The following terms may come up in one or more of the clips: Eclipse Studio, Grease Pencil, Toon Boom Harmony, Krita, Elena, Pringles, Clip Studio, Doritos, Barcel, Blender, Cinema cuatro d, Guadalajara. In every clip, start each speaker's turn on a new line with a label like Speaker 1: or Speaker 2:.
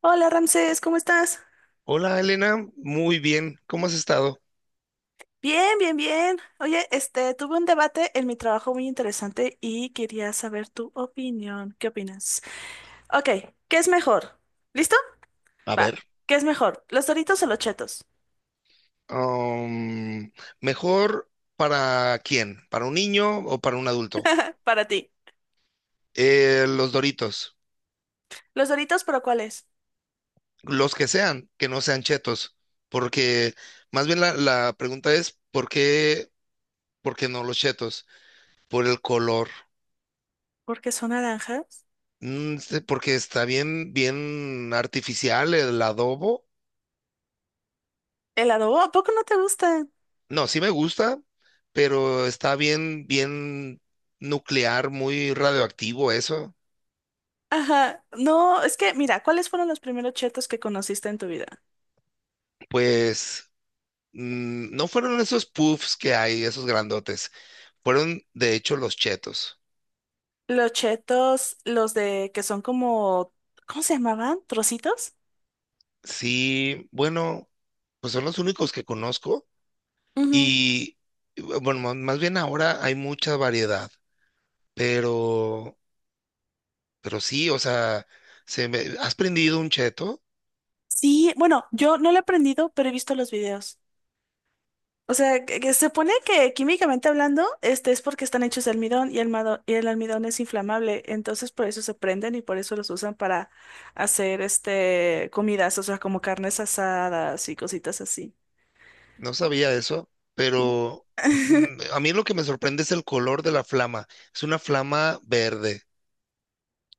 Speaker 1: Hola Ramsés, ¿cómo estás?
Speaker 2: Hola Elena, muy bien, ¿cómo has estado?
Speaker 1: Bien, bien, bien. Oye, tuve un debate en mi trabajo muy interesante y quería saber tu opinión. ¿Qué opinas? Ok, ¿qué es mejor? ¿Listo?
Speaker 2: A
Speaker 1: Va.
Speaker 2: ver,
Speaker 1: ¿Qué es mejor? ¿Los Doritos o los Chetos?
Speaker 2: Am, ¿mejor para quién? ¿Para un niño o para un adulto?
Speaker 1: Para ti.
Speaker 2: Los Doritos,
Speaker 1: ¿Los Doritos, pero cuáles?
Speaker 2: los que sean, que no sean chetos, porque más bien la pregunta es, ¿por qué no los chetos? Por el color.
Speaker 1: Porque son naranjas.
Speaker 2: Porque está bien, bien artificial el adobo.
Speaker 1: ¿Helado? Oh, ¿a poco no te gustan?
Speaker 2: No, sí me gusta, pero está bien, bien nuclear, muy radioactivo eso.
Speaker 1: Ajá. No, es que, mira, ¿cuáles fueron los primeros Chetos que conociste en tu vida?
Speaker 2: Pues no fueron esos puffs que hay, esos grandotes. Fueron, de hecho, los chetos.
Speaker 1: Los Chetos, los de que son como, ¿cómo se llamaban? ¿Trocitos?
Speaker 2: Sí, bueno, pues son los únicos que conozco.
Speaker 1: Ujú.
Speaker 2: Y bueno, más bien ahora hay mucha variedad. Pero, pero sí, o sea, ¿has prendido un cheto?
Speaker 1: Sí, bueno, yo no lo he aprendido, pero he visto los videos. O sea, que se supone que químicamente hablando, es porque están hechos de almidón y y el almidón es inflamable, entonces por eso se prenden y por eso los usan para hacer comidas, o sea, como carnes asadas y cositas así.
Speaker 2: No sabía eso, pero mm, a mí lo que me sorprende es el color de la flama. Es una flama verde.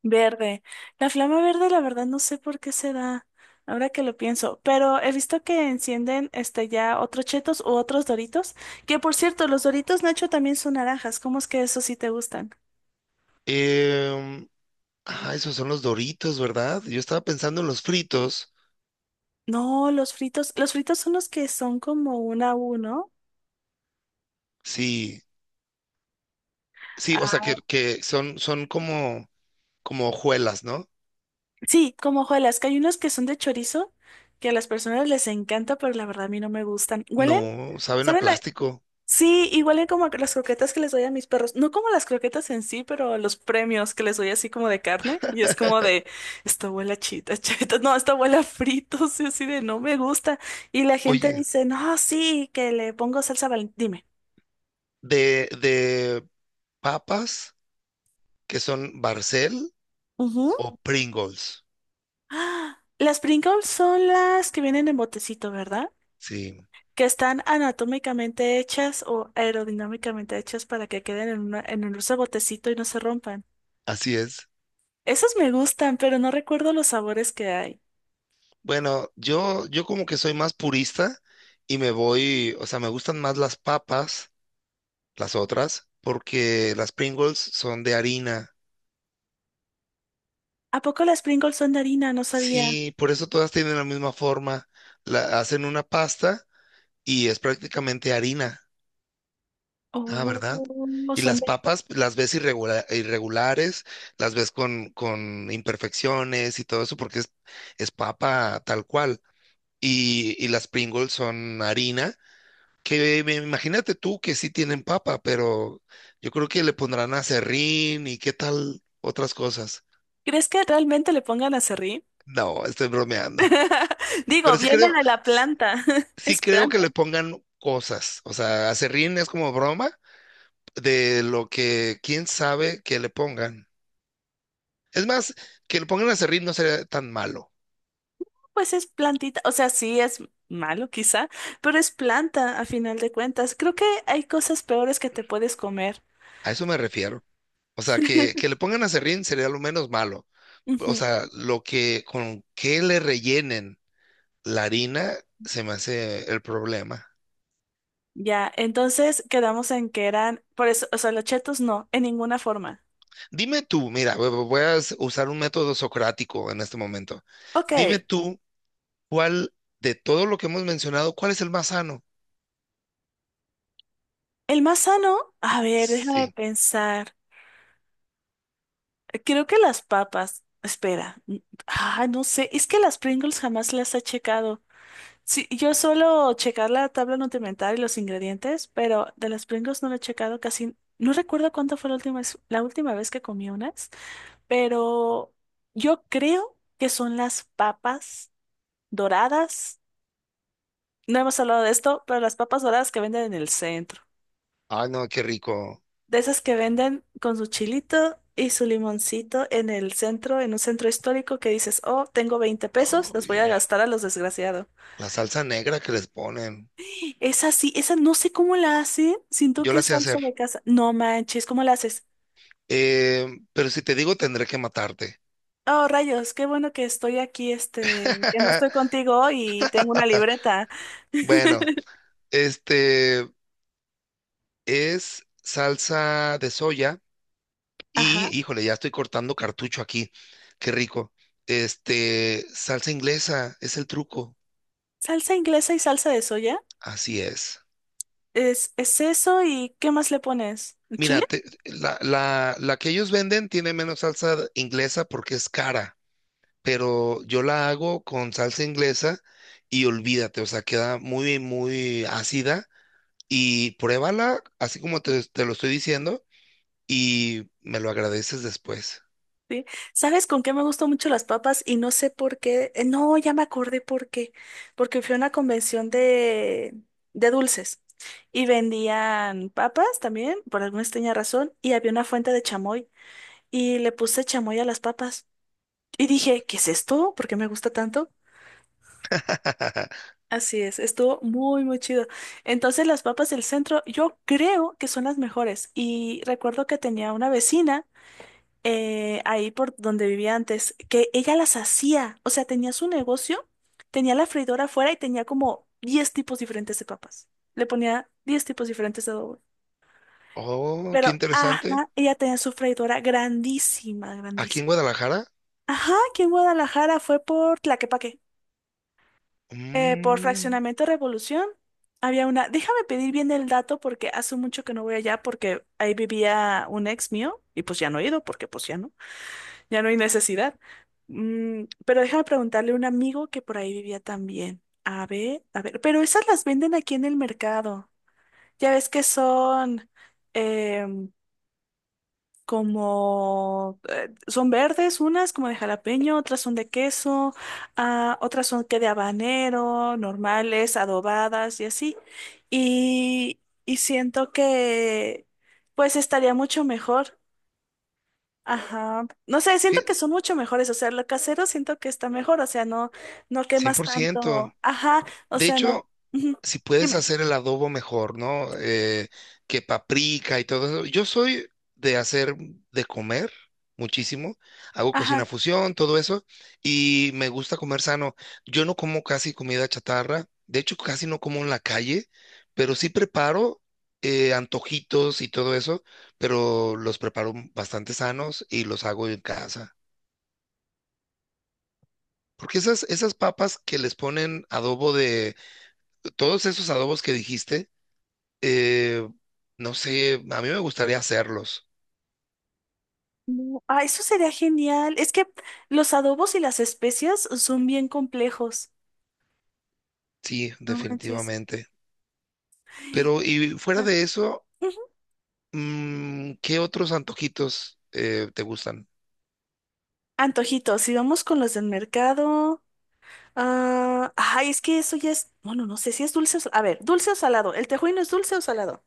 Speaker 1: Verde. La flama verde, la verdad, no sé por qué se da, ahora que lo pienso, pero he visto que encienden ya otros chetos u otros doritos, que por cierto, los doritos Nacho también son naranjas, ¿cómo es que esos sí te gustan?
Speaker 2: Em, Ah, esos son los Doritos, ¿verdad? Yo estaba pensando en los fritos.
Speaker 1: No, los fritos son los que son como una U, ¿no?
Speaker 2: Sí, sí, o sea
Speaker 1: Ah,
Speaker 2: que son, son como, como hojuelas, ¿no?
Speaker 1: sí, como hojuelas, que hay unos que son de chorizo, que a las personas les encanta, pero la verdad a mí no me gustan. ¿Huelen?
Speaker 2: No, saben a
Speaker 1: ¿Saben?
Speaker 2: plástico.
Speaker 1: Sí, igual en como las croquetas que les doy a mis perros. No como las croquetas en sí, pero los premios que les doy así como de carne. Y es como de, esta abuela chita, cheta, no, esta abuela fritos, y así de, no me gusta. Y la gente
Speaker 2: Oye,
Speaker 1: dice, no, sí, que le pongo salsa Valentina. Dime.
Speaker 2: de papas que son Barcel
Speaker 1: Ujú.
Speaker 2: o Pringles.
Speaker 1: ¡Ah! Las Pringles son las que vienen en botecito, ¿verdad?
Speaker 2: Sí,
Speaker 1: Que están anatómicamente hechas o aerodinámicamente hechas para que queden en un dulce botecito y no se rompan.
Speaker 2: así es.
Speaker 1: Esos me gustan, pero no recuerdo los sabores que hay.
Speaker 2: Bueno, yo como que soy más purista y me voy, o sea, me gustan más las papas, las otras, porque las Pringles son de harina.
Speaker 1: ¿A poco las Pringles son de harina? No sabía.
Speaker 2: Sí, por eso todas tienen la misma forma. La, hacen una pasta y es prácticamente harina. Ah,
Speaker 1: Oh,
Speaker 2: ¿verdad?
Speaker 1: no
Speaker 2: Y
Speaker 1: son
Speaker 2: las
Speaker 1: de...
Speaker 2: papas las ves irregulares, las ves con imperfecciones y todo eso porque es papa tal cual. Y las Pringles son harina, imagínate tú que sí tienen papa, pero yo creo que le pondrán aserrín y qué tal otras cosas.
Speaker 1: ¿Crees que realmente le pongan aserrín?
Speaker 2: No, estoy bromeando.
Speaker 1: Digo,
Speaker 2: Pero sí
Speaker 1: viene
Speaker 2: creo.
Speaker 1: de la planta.
Speaker 2: Sí
Speaker 1: Es
Speaker 2: creo que
Speaker 1: planta.
Speaker 2: le pongan cosas. O sea, aserrín es como broma de lo que quién sabe que le pongan. Es más, que le pongan aserrín no sería tan malo.
Speaker 1: Pues es plantita. O sea, sí es malo quizá, pero es planta a final de cuentas. Creo que hay cosas peores que te puedes comer.
Speaker 2: A eso me refiero. O sea, que le pongan aserrín sería lo menos malo. O
Speaker 1: Ujú.
Speaker 2: sea, lo que con qué le rellenen la harina se me hace el problema.
Speaker 1: Ya, entonces quedamos en que eran... Por eso, o sea, los chetos no, en ninguna forma.
Speaker 2: Dime tú, mira, usar un método socrático en este momento. Dime
Speaker 1: Ok.
Speaker 2: tú, ¿cuál de todo lo que hemos mencionado, cuál es el más sano?
Speaker 1: El más sano, a ver, déjame
Speaker 2: Sí.
Speaker 1: pensar. Creo que las papas, espera, ah, no sé, es que las Pringles jamás las he checado. Sí, yo suelo checar la tabla nutrimental y los ingredientes, pero de las Pringles no lo he checado casi. No recuerdo cuánto fue la última vez que comí unas, pero yo creo que son las papas doradas. No hemos hablado de esto, pero las papas doradas que venden en el centro.
Speaker 2: Ay, no, qué rico.
Speaker 1: De esas que venden con su chilito y su limoncito en el centro, en un centro histórico que dices, oh, tengo 20 pesos, los voy a
Speaker 2: Ay,
Speaker 1: gastar a los desgraciados.
Speaker 2: la salsa negra que les ponen.
Speaker 1: Esa sí, esa no sé cómo la hace, siento
Speaker 2: Yo
Speaker 1: que
Speaker 2: la
Speaker 1: es
Speaker 2: sé
Speaker 1: salsa
Speaker 2: hacer.
Speaker 1: de casa. No manches, ¿cómo la haces?
Speaker 2: Eh, pero si te digo, tendré que matarte.
Speaker 1: Oh, rayos, qué bueno que estoy aquí, que no estoy contigo y tengo una libreta.
Speaker 2: Bueno, este es salsa de soya y,
Speaker 1: Ajá.
Speaker 2: híjole, ya estoy cortando cartucho aquí. Qué rico. Salsa inglesa es el truco.
Speaker 1: Salsa inglesa y salsa de soya.
Speaker 2: Así es.
Speaker 1: Es eso y ¿qué más le pones? ¿Chile?
Speaker 2: Mira, la que ellos venden tiene menos salsa inglesa porque es cara. Pero yo la hago con salsa inglesa y olvídate, o sea, queda muy, muy ácida y pruébala así como te lo estoy diciendo y me lo agradeces después.
Speaker 1: Sí. ¿Sabes con qué me gustan mucho las papas? Y no sé por qué. No, ya me acordé por qué. Porque fui a una convención de dulces y vendían papas también, por alguna extraña razón, y había una fuente de chamoy y le puse chamoy a las papas. Y dije, ¿qué es esto? ¿Por qué me gusta tanto? Así es, estuvo muy, muy chido. Entonces las papas del centro yo creo que son las mejores. Y recuerdo que tenía una vecina. Ahí por donde vivía antes, que ella las hacía. O sea, tenía su negocio, tenía la freidora afuera y tenía como 10 tipos diferentes de papas. Le ponía 10 tipos diferentes de adobo.
Speaker 2: Oh, qué
Speaker 1: Pero,
Speaker 2: interesante.
Speaker 1: ajá, ella tenía su freidora grandísima,
Speaker 2: Aquí en
Speaker 1: grandísima.
Speaker 2: Guadalajara,
Speaker 1: Ajá, aquí en Guadalajara fue por Tlaquepaque, por
Speaker 2: mm,
Speaker 1: Fraccionamiento Revolución. Había una, déjame pedir bien el dato porque hace mucho que no voy allá porque ahí vivía un ex mío y pues ya no he ido porque pues ya no. Ya no hay necesidad. Pero déjame preguntarle a un amigo que por ahí vivía también. A ver, pero esas las venden aquí en el mercado. Ya ves que em, son verdes, unas como de jalapeño, otras son de queso, ah, otras son que de habanero, normales, adobadas y así. Y siento que pues estaría mucho mejor. Ajá. No sé, siento que
Speaker 2: fí-
Speaker 1: son mucho mejores, o sea, lo casero siento que está mejor, o sea, no, no
Speaker 2: cien
Speaker 1: quemas
Speaker 2: por ciento.
Speaker 1: tanto. Ajá, o
Speaker 2: De
Speaker 1: sea, no.
Speaker 2: hecho,
Speaker 1: Ujú.
Speaker 2: si puedes
Speaker 1: Dime.
Speaker 2: hacer el adobo mejor, ¿no? Que paprika y todo eso. Yo soy de hacer de comer muchísimo. Hago cocina
Speaker 1: Ajá.
Speaker 2: fusión, todo eso. Y me gusta comer sano. Yo no como casi comida chatarra. De hecho, casi no como en la calle, pero sí preparo antojitos y todo eso, pero los preparo bastante sanos y los hago en casa. Porque esas papas que les ponen adobo de, todos esos adobos que dijiste, Eh, no sé, a mí me gustaría hacerlos,
Speaker 1: No, ah, eso sería genial. Es que los adobos y las especias son bien complejos.
Speaker 2: sí,
Speaker 1: No manches.
Speaker 2: definitivamente.
Speaker 1: Ay,
Speaker 2: Pero y fuera
Speaker 1: ajá.
Speaker 2: de eso,
Speaker 1: Ujú.
Speaker 2: ¿qué otros antojitos te gustan?
Speaker 1: Antojitos, si vamos con los del mercado. Ah, ay, es que eso ya es. Bueno, no sé si es dulce o a ver, dulce o salado. ¿El tejuino es dulce o salado?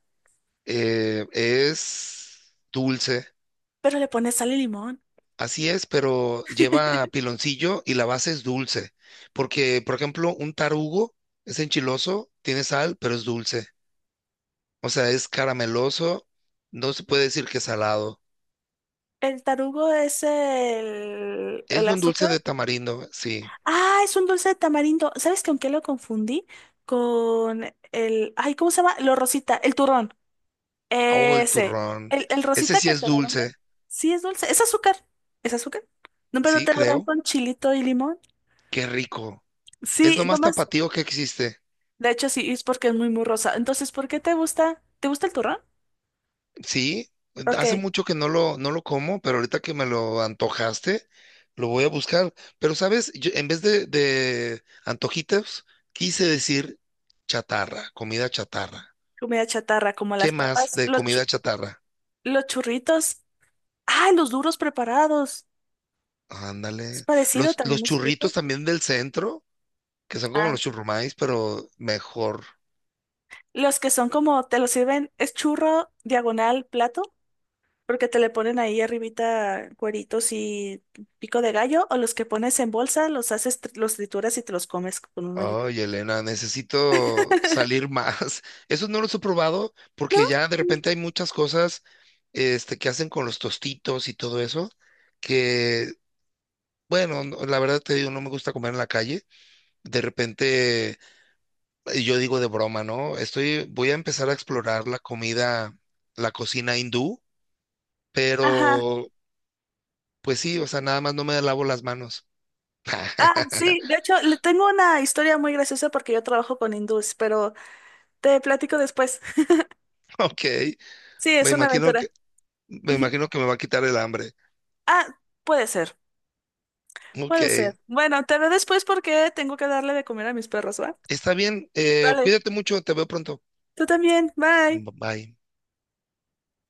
Speaker 2: Es dulce,
Speaker 1: Pero le pones sal y limón.
Speaker 2: así es, pero lleva piloncillo y la base es dulce. Porque, por ejemplo, un tarugo es enchiloso, tiene sal, pero es dulce. O sea, es carameloso, no se puede decir que es salado.
Speaker 1: El tarugo es el
Speaker 2: Es un dulce
Speaker 1: azúcar.
Speaker 2: de tamarindo, sí.
Speaker 1: Ah, es un dulce de tamarindo. ¿Sabes con qué lo confundí? Con el... Ay, ¿cómo se llama? Lo rosita, el turrón.
Speaker 2: Oh, el
Speaker 1: Ese.
Speaker 2: turrón.
Speaker 1: El
Speaker 2: Ese
Speaker 1: rosita
Speaker 2: sí
Speaker 1: que
Speaker 2: es
Speaker 1: te lo venden.
Speaker 2: dulce,
Speaker 1: Sí, es dulce. Es azúcar. ¿Es azúcar? No, pero
Speaker 2: sí,
Speaker 1: te lo dan
Speaker 2: creo.
Speaker 1: con chilito y limón.
Speaker 2: Qué rico. Es
Speaker 1: Sí,
Speaker 2: lo más
Speaker 1: nomás.
Speaker 2: tapatío que existe.
Speaker 1: De hecho, sí, es porque es muy, muy rosa. Entonces, ¿por qué te gusta? ¿Te gusta el turrón?
Speaker 2: Sí, hace
Speaker 1: Ok.
Speaker 2: mucho que no lo como, pero ahorita que me lo antojaste, lo voy a buscar. Pero, ¿sabes? Yo, en vez de antojitos, quise decir chatarra, comida chatarra.
Speaker 1: Comida chatarra, como
Speaker 2: ¿Qué
Speaker 1: las
Speaker 2: más
Speaker 1: papas,
Speaker 2: de comida chatarra?
Speaker 1: los churritos. Ah, los duros preparados. Es
Speaker 2: Ándale.
Speaker 1: parecido,
Speaker 2: Los
Speaker 1: también es
Speaker 2: churritos
Speaker 1: frito.
Speaker 2: también del centro, que son como
Speaker 1: Ah,
Speaker 2: los churrumais, pero mejor.
Speaker 1: los que son como, te lo sirven, es churro diagonal plato, porque te le ponen ahí arribita cueritos y pico de gallo, o los que pones en bolsa, los haces, los trituras y te los comes con un hoyito.
Speaker 2: Ay, Elena, necesito salir más. Esos no los he probado
Speaker 1: ¿No?
Speaker 2: porque ya de
Speaker 1: Sí.
Speaker 2: repente hay muchas cosas que hacen con los tostitos y todo eso, que, bueno, la verdad te digo, no me gusta comer en la calle. De repente, yo digo de broma, ¿no? Estoy, voy a empezar a explorar la comida, la cocina hindú,
Speaker 1: Ajá.
Speaker 2: pero pues sí, o sea, nada más no me lavo las manos.
Speaker 1: Ah, sí, de hecho, le tengo una historia muy graciosa porque yo trabajo con hindús, pero te platico después.
Speaker 2: Ok,
Speaker 1: Sí,
Speaker 2: me
Speaker 1: es una
Speaker 2: imagino que,
Speaker 1: aventura.
Speaker 2: me
Speaker 1: Ujú.
Speaker 2: imagino que me va a quitar el hambre.
Speaker 1: Ah, puede ser,
Speaker 2: Ok.
Speaker 1: puede ser. Bueno, te veo después porque tengo que darle de comer a mis perros, ¿va?
Speaker 2: Está bien,
Speaker 1: Dale.
Speaker 2: cuídate mucho, te veo pronto.
Speaker 1: Tú también, bye.
Speaker 2: Bye.